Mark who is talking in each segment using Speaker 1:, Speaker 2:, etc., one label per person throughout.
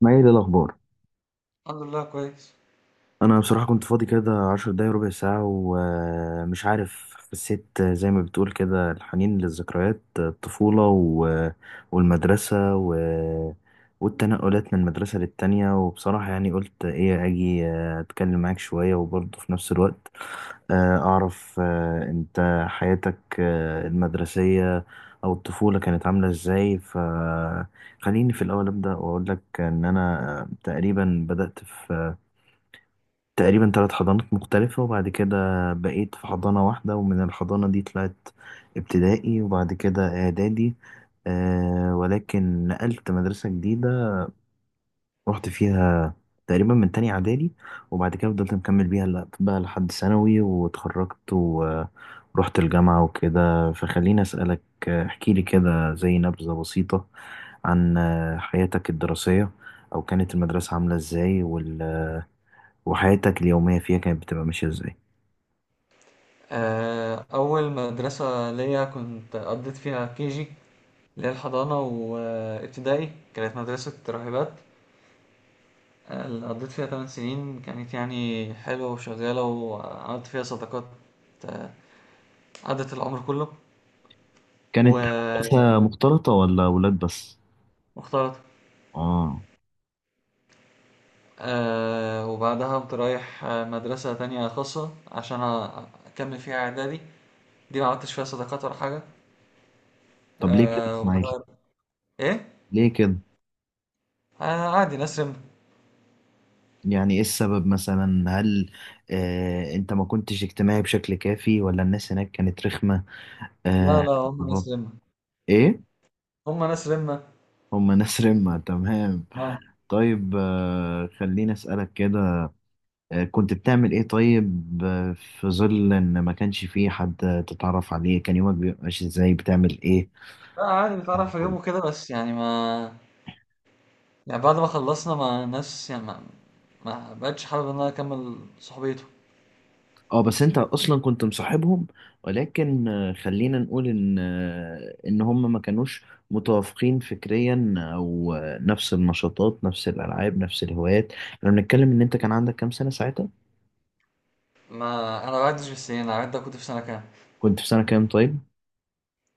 Speaker 1: ما هي دي الأخبار؟
Speaker 2: الحمد لله كويس.
Speaker 1: أنا بصراحة كنت فاضي كده 10 دقايق ربع ساعة ومش عارف، حسيت زي ما بتقول كده، الحنين للذكريات الطفولة والمدرسة والتنقلات من المدرسة للتانية، وبصراحة يعني قلت إيه أجي أتكلم معاك شوية، وبرضه في نفس الوقت أعرف أنت حياتك المدرسية أو الطفولة كانت عاملة إزاي. خليني في الأول أبدأ وأقول لك إن أنا تقريبا بدأت في تقريبا ثلاث حضانات مختلفة، وبعد كده بقيت في حضانة واحدة، ومن الحضانة دي طلعت ابتدائي، وبعد كده إعدادي. ولكن نقلت مدرسة جديدة، رحت فيها تقريبا من تاني إعدادي، وبعد كده فضلت مكمل بيها بقى لحد ثانوي، واتخرجت ورحت الجامعة وكده. فخليني أسألك، احكيلي كده زي نبذة بسيطة عن حياتك الدراسية، أو كانت المدرسة عاملة إزاي، وحياتك اليومية فيها كانت بتبقى ماشية إزاي.
Speaker 2: أول مدرسة ليا كنت قضيت فيها كيجي اللي هي الحضانة وابتدائي كانت مدرسة راهبات، اللي قضيت فيها 8 سنين كانت يعني حلوة وشغالة وعملت فيها صداقات، آه، عدت العمر كله
Speaker 1: كانت
Speaker 2: و-
Speaker 1: مدرسة مختلطة ولا ولاد بس؟
Speaker 2: واختلط.
Speaker 1: اه.
Speaker 2: وبعدها قمت رايح مدرسة تانية خاصة عشان أكمل فيها إعدادي. دي ما عملتش فيها صداقات ولا حاجة.
Speaker 1: طب ليه كده يا اسماعيل؟
Speaker 2: وبعدها إيه؟
Speaker 1: ليه كده؟
Speaker 2: عادي ناس رمت.
Speaker 1: يعني ايه السبب مثلا؟ هل انت ما كنتش اجتماعي بشكل كافي، ولا الناس هناك كانت رخمة؟ آه.
Speaker 2: لا لا، هم
Speaker 1: بابا.
Speaker 2: ناس رمة.
Speaker 1: ايه؟
Speaker 2: هم ناس رمة.
Speaker 1: هما ناس رمة، تمام.
Speaker 2: اه.
Speaker 1: طيب خليني اسألك كده، كنت بتعمل ايه طيب، في ظل ان ما كانش فيه حد تتعرف عليه كان يومك بيبقى ماشي ازاي؟ بتعمل ايه؟
Speaker 2: لا عادي بتعرف اجيبه كده، بس يعني ما، يعني بعد ما خلصنا مع ناس يعني ما بقتش حابب ان انا اكمل صحبيته.
Speaker 1: اه بس انت اصلا كنت مصاحبهم، ولكن خلينا نقول ان ان هم ما كانوش متوافقين فكريا، او نفس النشاطات نفس الالعاب نفس الهوايات. احنا بنتكلم ان انت كان عندك كام سنة ساعتها؟
Speaker 2: ما انا ما بعدش في السنين، انا عدى كنت في سنة كام؟
Speaker 1: كنت في سنة كام؟ طيب.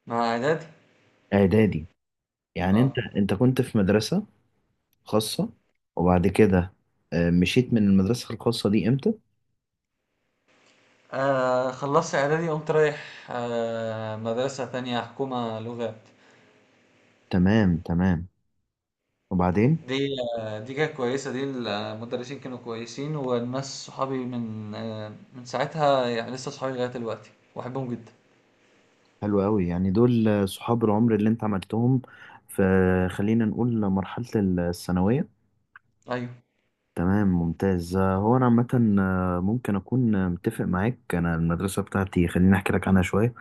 Speaker 2: مع اعدادي.
Speaker 1: اعدادي. يعني انت
Speaker 2: اه.
Speaker 1: انت كنت في مدرسة خاصة، وبعد كده مشيت من المدرسة الخاصة دي امتى؟
Speaker 2: خلصت اعدادي قمت رايح مدرسة تانية حكومة لغات.
Speaker 1: تمام تمام، وبعدين؟
Speaker 2: دي دي كانت كويسة، دي المدرسين كانوا كويسين والناس صحابي من من ساعتها يعني لسه صحابي لغاية دلوقتي واحبهم جدا.
Speaker 1: حلو قوي، يعني دول صحاب العمر اللي انت عملتهم في، خلينا نقول، مرحلة الثانوية.
Speaker 2: ايوه.
Speaker 1: تمام ممتاز. هو انا عامه ممكن اكون متفق معاك. انا المدرسه بتاعتي خليني احكي لك عنها شويه.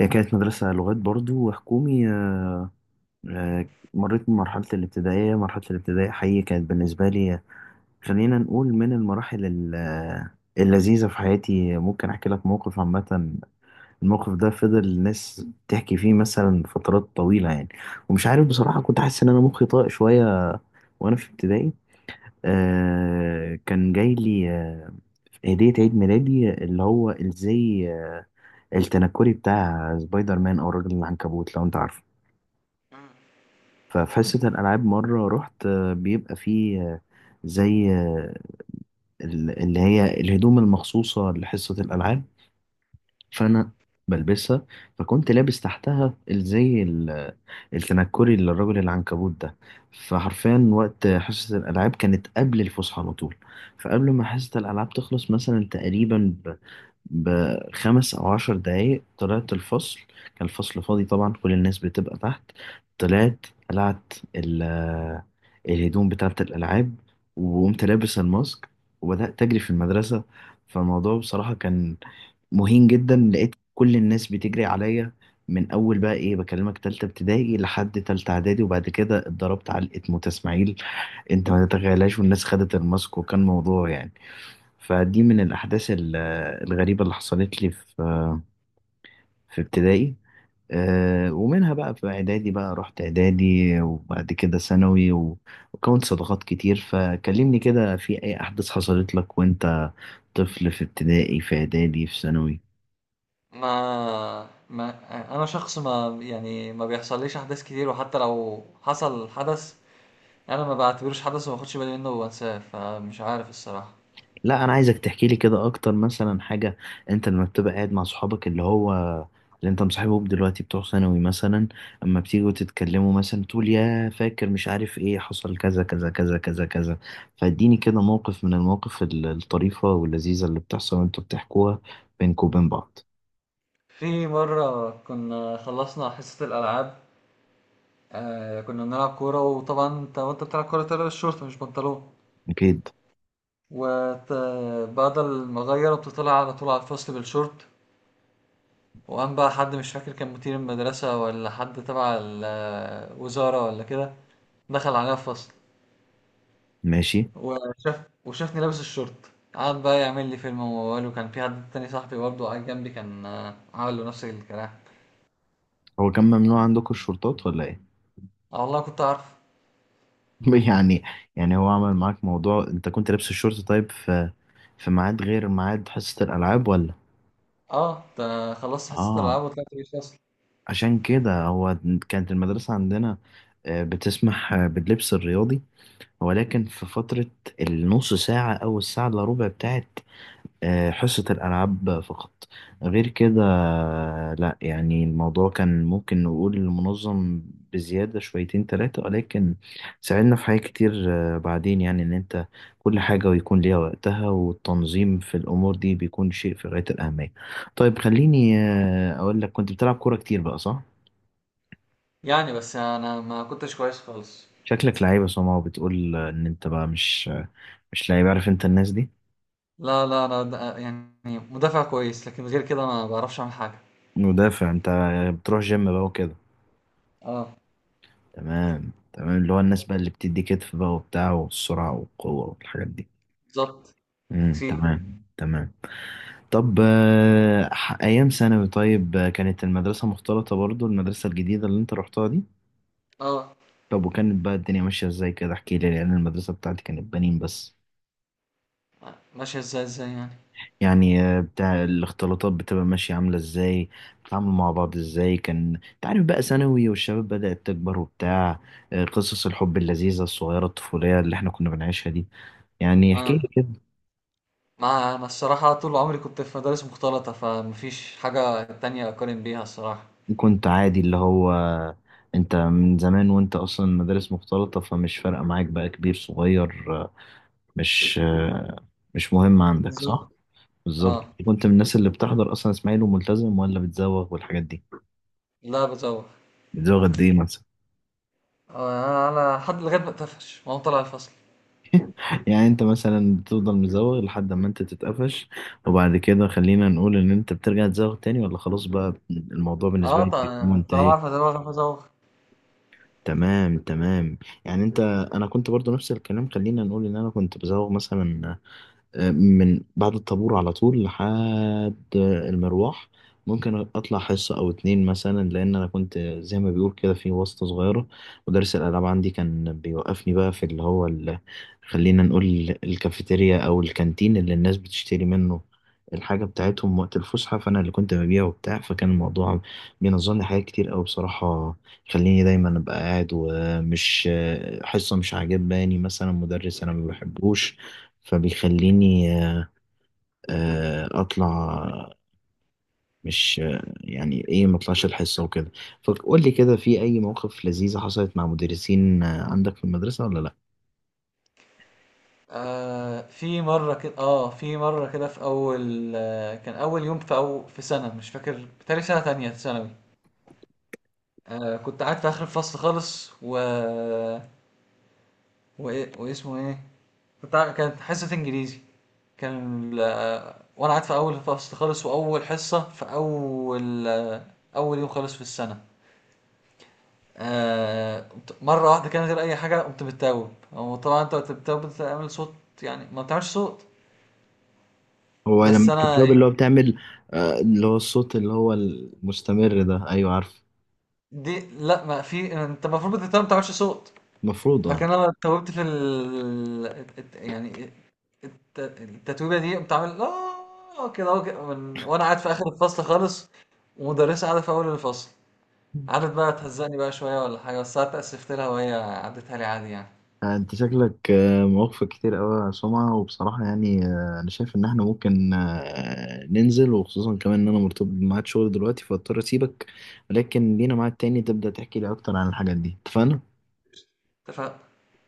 Speaker 1: هي كانت مدرسه لغات برضو وحكومي، مريت بمرحله الابتدائيه. مرحله الابتدائيه حقيقي كانت بالنسبه لي خلينا نقول من المراحل اللذيذه في حياتي. ممكن احكي لك موقف. عامه الموقف ده فضل الناس تحكي فيه مثلا فترات طويله، يعني. ومش عارف بصراحه كنت حاسس ان انا مخي طاق شويه، وانا في ابتدائي كان جاي لي هدية عيد ميلادي، اللي هو الزي التنكري بتاع سبايدر مان، أو الراجل العنكبوت لو أنت عارفه. ففي حصة الألعاب مرة رحت، بيبقى فيه زي اللي هي الهدوم المخصوصة لحصة الألعاب، فأنا بلبسها. فكنت لابس تحتها الزي التنكري للراجل العنكبوت ده. فحرفيا وقت حصة الألعاب كانت قبل الفسحة على طول. فقبل ما حصة الألعاب تخلص مثلا تقريبا بـ 5 أو 10 دقايق طلعت الفصل، كان الفصل فاضي طبعا، كل الناس بتبقى تحت. طلعت قلعت الهدوم بتاعة الألعاب، وقمت لابس الماسك، وبدأت أجري في المدرسة. فالموضوع بصراحة كان مهين جدا. لقيت كل الناس بتجري عليا من أول بقى إيه بكلمك تالتة ابتدائي لحد تالتة إعدادي، وبعد كده اتضربت علقة موت، إسماعيل أنت ما تتخيلهاش. والناس خدت الماسك وكان موضوع، يعني. فدي من الأحداث الغريبة اللي حصلت لي في ابتدائي. ومنها بقى في إعدادي، بقى رحت إعدادي، وبعد كده ثانوي وكونت صداقات كتير. فكلمني كده في أي أحداث حصلت لك وأنت طفل في ابتدائي، في إعدادي، في ثانوي.
Speaker 2: ما ما انا شخص ما يعني ما بيحصليش احداث كتير، وحتى لو حصل حدث انا ما بعتبروش حدث وما باخدش بالي منه وانساه، فمش عارف الصراحة.
Speaker 1: لا، انا عايزك تحكي لي كده اكتر، مثلا حاجه انت لما بتبقى قاعد مع صحابك، اللي انت مصاحبهم دلوقتي بتوع ثانوي مثلا، اما بتيجوا تتكلموا مثلا تقول يا فاكر مش عارف ايه حصل كذا كذا كذا كذا كذا. فاديني كده موقف من المواقف الطريفه واللذيذه اللي بتحصل وانتوا بتحكوها بينكم وبين بعض.
Speaker 2: في مرة كنا خلصنا حصة الألعاب، كنا بنلعب كورة، وطبعا انت وانت بتلعب كورة تلبس شورت مش بنطلون.
Speaker 1: اكيد.
Speaker 2: وبعد ما غير بتطلع على طول على الفصل بالشورت، وقام بقى حد مش فاكر كان مدير المدرسة ولا حد تبع الوزارة ولا كده دخل علينا الفصل،
Speaker 1: ماشي.
Speaker 2: وشاف وشافني لابس الشورت، قعد بقى يعمل لي فيلم وموال، وكان في حد تاني صاحبي برضه قاعد جنبي كان عمل له نفس الكلام.
Speaker 1: هو كان ممنوع عندكم الشورتات ولا ايه؟
Speaker 2: اه والله كنت عارف.
Speaker 1: يعني، يعني هو عمل معاك موضوع انت كنت لابس الشورت؟ طيب في في ميعاد غير ميعاد حصه الالعاب ولا؟
Speaker 2: اه ده خلصت حصة
Speaker 1: اه.
Speaker 2: الألعاب وطلعت، مش أصلا.
Speaker 1: عشان كده هو كانت المدرسة عندنا بتسمح باللبس الرياضي، ولكن في فترة النص ساعة أو الساعة إلا ربع بتاعت حصة الألعاب فقط. غير كده لا، يعني الموضوع كان ممكن نقول منظم بزيادة شويتين تلاتة، ولكن ساعدنا في حاجات كتير. بعدين، يعني إن أنت كل حاجة ويكون ليها وقتها، والتنظيم في الأمور دي بيكون شيء في غاية الأهمية. طيب خليني أقول لك، كنت بتلعب كورة كتير بقى، صح؟
Speaker 2: يعني بس أنا ما كنتش كويس خالص.
Speaker 1: شكلك لعيب يا سما، وبتقول ان انت بقى مش لعيب. عارف انت الناس دي؟
Speaker 2: لا لا، أنا يعني مدافع كويس، لكن غير كده ما بعرفش أعمل حاجة.
Speaker 1: مدافع انت، بتروح جيم بقى وكده.
Speaker 2: اه.
Speaker 1: تمام تمام، اللي هو الناس بقى اللي بتدي كتف بقى وبتاع والسرعة والقوة والحاجات دي.
Speaker 2: بالظبط. تكسير.
Speaker 1: تمام تمام. طب ايام ثانوي طيب، كانت المدرسة مختلطة برضو، المدرسة الجديدة اللي انت رحتها دي؟
Speaker 2: اه.
Speaker 1: طب وكانت بقى الدنيا ماشية ازاي كده، احكي لي، لان المدرسة بتاعتي كانت بنين بس.
Speaker 2: ماشية ازاي يعني؟
Speaker 1: يعني بتاع الاختلاطات بتبقى ماشية عاملة ازاي، بتتعاملوا مع بعض ازاي، كان انت عارف بقى ثانوي والشباب بدأت تكبر وبتاع، قصص الحب اللذيذة الصغيرة الطفولية اللي احنا كنا بنعيشها دي، يعني احكي
Speaker 2: اه
Speaker 1: لي كده.
Speaker 2: ما أنا الصراحة طول عمري كنت في مدارس مختلطة، فمفيش حاجة تانية أقارن بيها الصراحة.
Speaker 1: كنت عادي، اللي هو انت من زمان وانت اصلا مدارس مختلطة، فمش فارقة معاك بقى كبير صغير، مش آه، مش مهم عندك،
Speaker 2: بالظبط.
Speaker 1: صح؟ بالظبط.
Speaker 2: اه.
Speaker 1: كنت من الناس اللي بتحضر اصلا اسماعيل وملتزم، ولا بتزوغ والحاجات دي؟
Speaker 2: لا بتزوغ.
Speaker 1: بتزوغ قد ايه مثلا؟
Speaker 2: انا لحد لغايه ما اتقفش، ما هو طلع الفصل.
Speaker 1: يعني انت مثلا بتفضل مزوغ لحد ما انت تتقفش، وبعد كده خلينا نقول ان انت بترجع تزوغ تاني، ولا خلاص بقى الموضوع بالنسبة
Speaker 2: اه
Speaker 1: لك بيكون
Speaker 2: طبعا، طالما
Speaker 1: منتهي؟
Speaker 2: عارف ازوغ عارف ازوغ.
Speaker 1: تمام تمام. يعني انا كنت برضو نفس الكلام، خلينا نقول ان انا كنت بزوغ مثلا من بعد الطابور على طول لحد المروح. ممكن اطلع حصة او اتنين مثلا، لان انا كنت زي ما بيقول كده في واسطة صغيرة. مدرس الالعاب عندي كان بيوقفني بقى في اللي هو خلينا نقول الكافيتيريا او الكانتين اللي الناس بتشتري منه الحاجة بتاعتهم وقت الفسحة، فأنا اللي كنت ببيع وبتاع. فكان الموضوع بينظم لي حاجات كتير أوي بصراحة، خليني دايما أبقى قاعد، ومش حصة مش عاجباني مثلا مدرس أنا ما بحبوش، فبيخليني اطلع. مش يعني ايه ما اطلعش الحصه وكده. فقول لي كده، في اي مواقف لذيذه حصلت مع مدرسين عندك في المدرسه، ولا لا؟
Speaker 2: في مره كده في اول كان اول يوم في أو في سنه مش فاكر، بتهيألي سنه تانية ثانوي. كنت قاعد في اخر الفصل خالص و وايه واسمه ايه كنت كانت حصه انجليزي، كان وانا قاعد في اول الفصل خالص، واول حصه في اول اول يوم خالص في السنه. مرة واحدة كده من غير أي حاجة قمت بتتوب. هو طبعا أنت وأنت بتتوب بتعمل صوت، يعني ما بتعملش صوت.
Speaker 1: هو
Speaker 2: بس
Speaker 1: لما
Speaker 2: أنا
Speaker 1: بتتوب اللي هو
Speaker 2: إيه،
Speaker 1: بتعمل، اللي هو الصوت اللي هو المستمر ده، ايوه عارف.
Speaker 2: دي لا ما في، أنت المفروض بتتوب ما بتعملش صوت.
Speaker 1: المفروض، اه.
Speaker 2: لكن أنا اتوبت في ال الت- يعني الت- التتويبة دي، قمت عامل كده أهو كده وأنا قاعد في آخر الفصل خالص، ومدرسة قاعدة في أول الفصل. قعدت بقى تهزقني بقى شوية ولا حاجة، بس أنا اتأسفت لها وهي عدتها لي عادي يعني.
Speaker 1: انت شكلك موفق كتير قوي يا سمعة، وبصراحة يعني انا شايف ان احنا ممكن ننزل، وخصوصا كمان ان انا مرتبط بميعاد شغل دلوقتي فاضطر اسيبك، ولكن لينا ميعاد تاني تبدأ تحكي لي اكتر عن الحاجات دي، اتفقنا؟
Speaker 2: اتفقنا.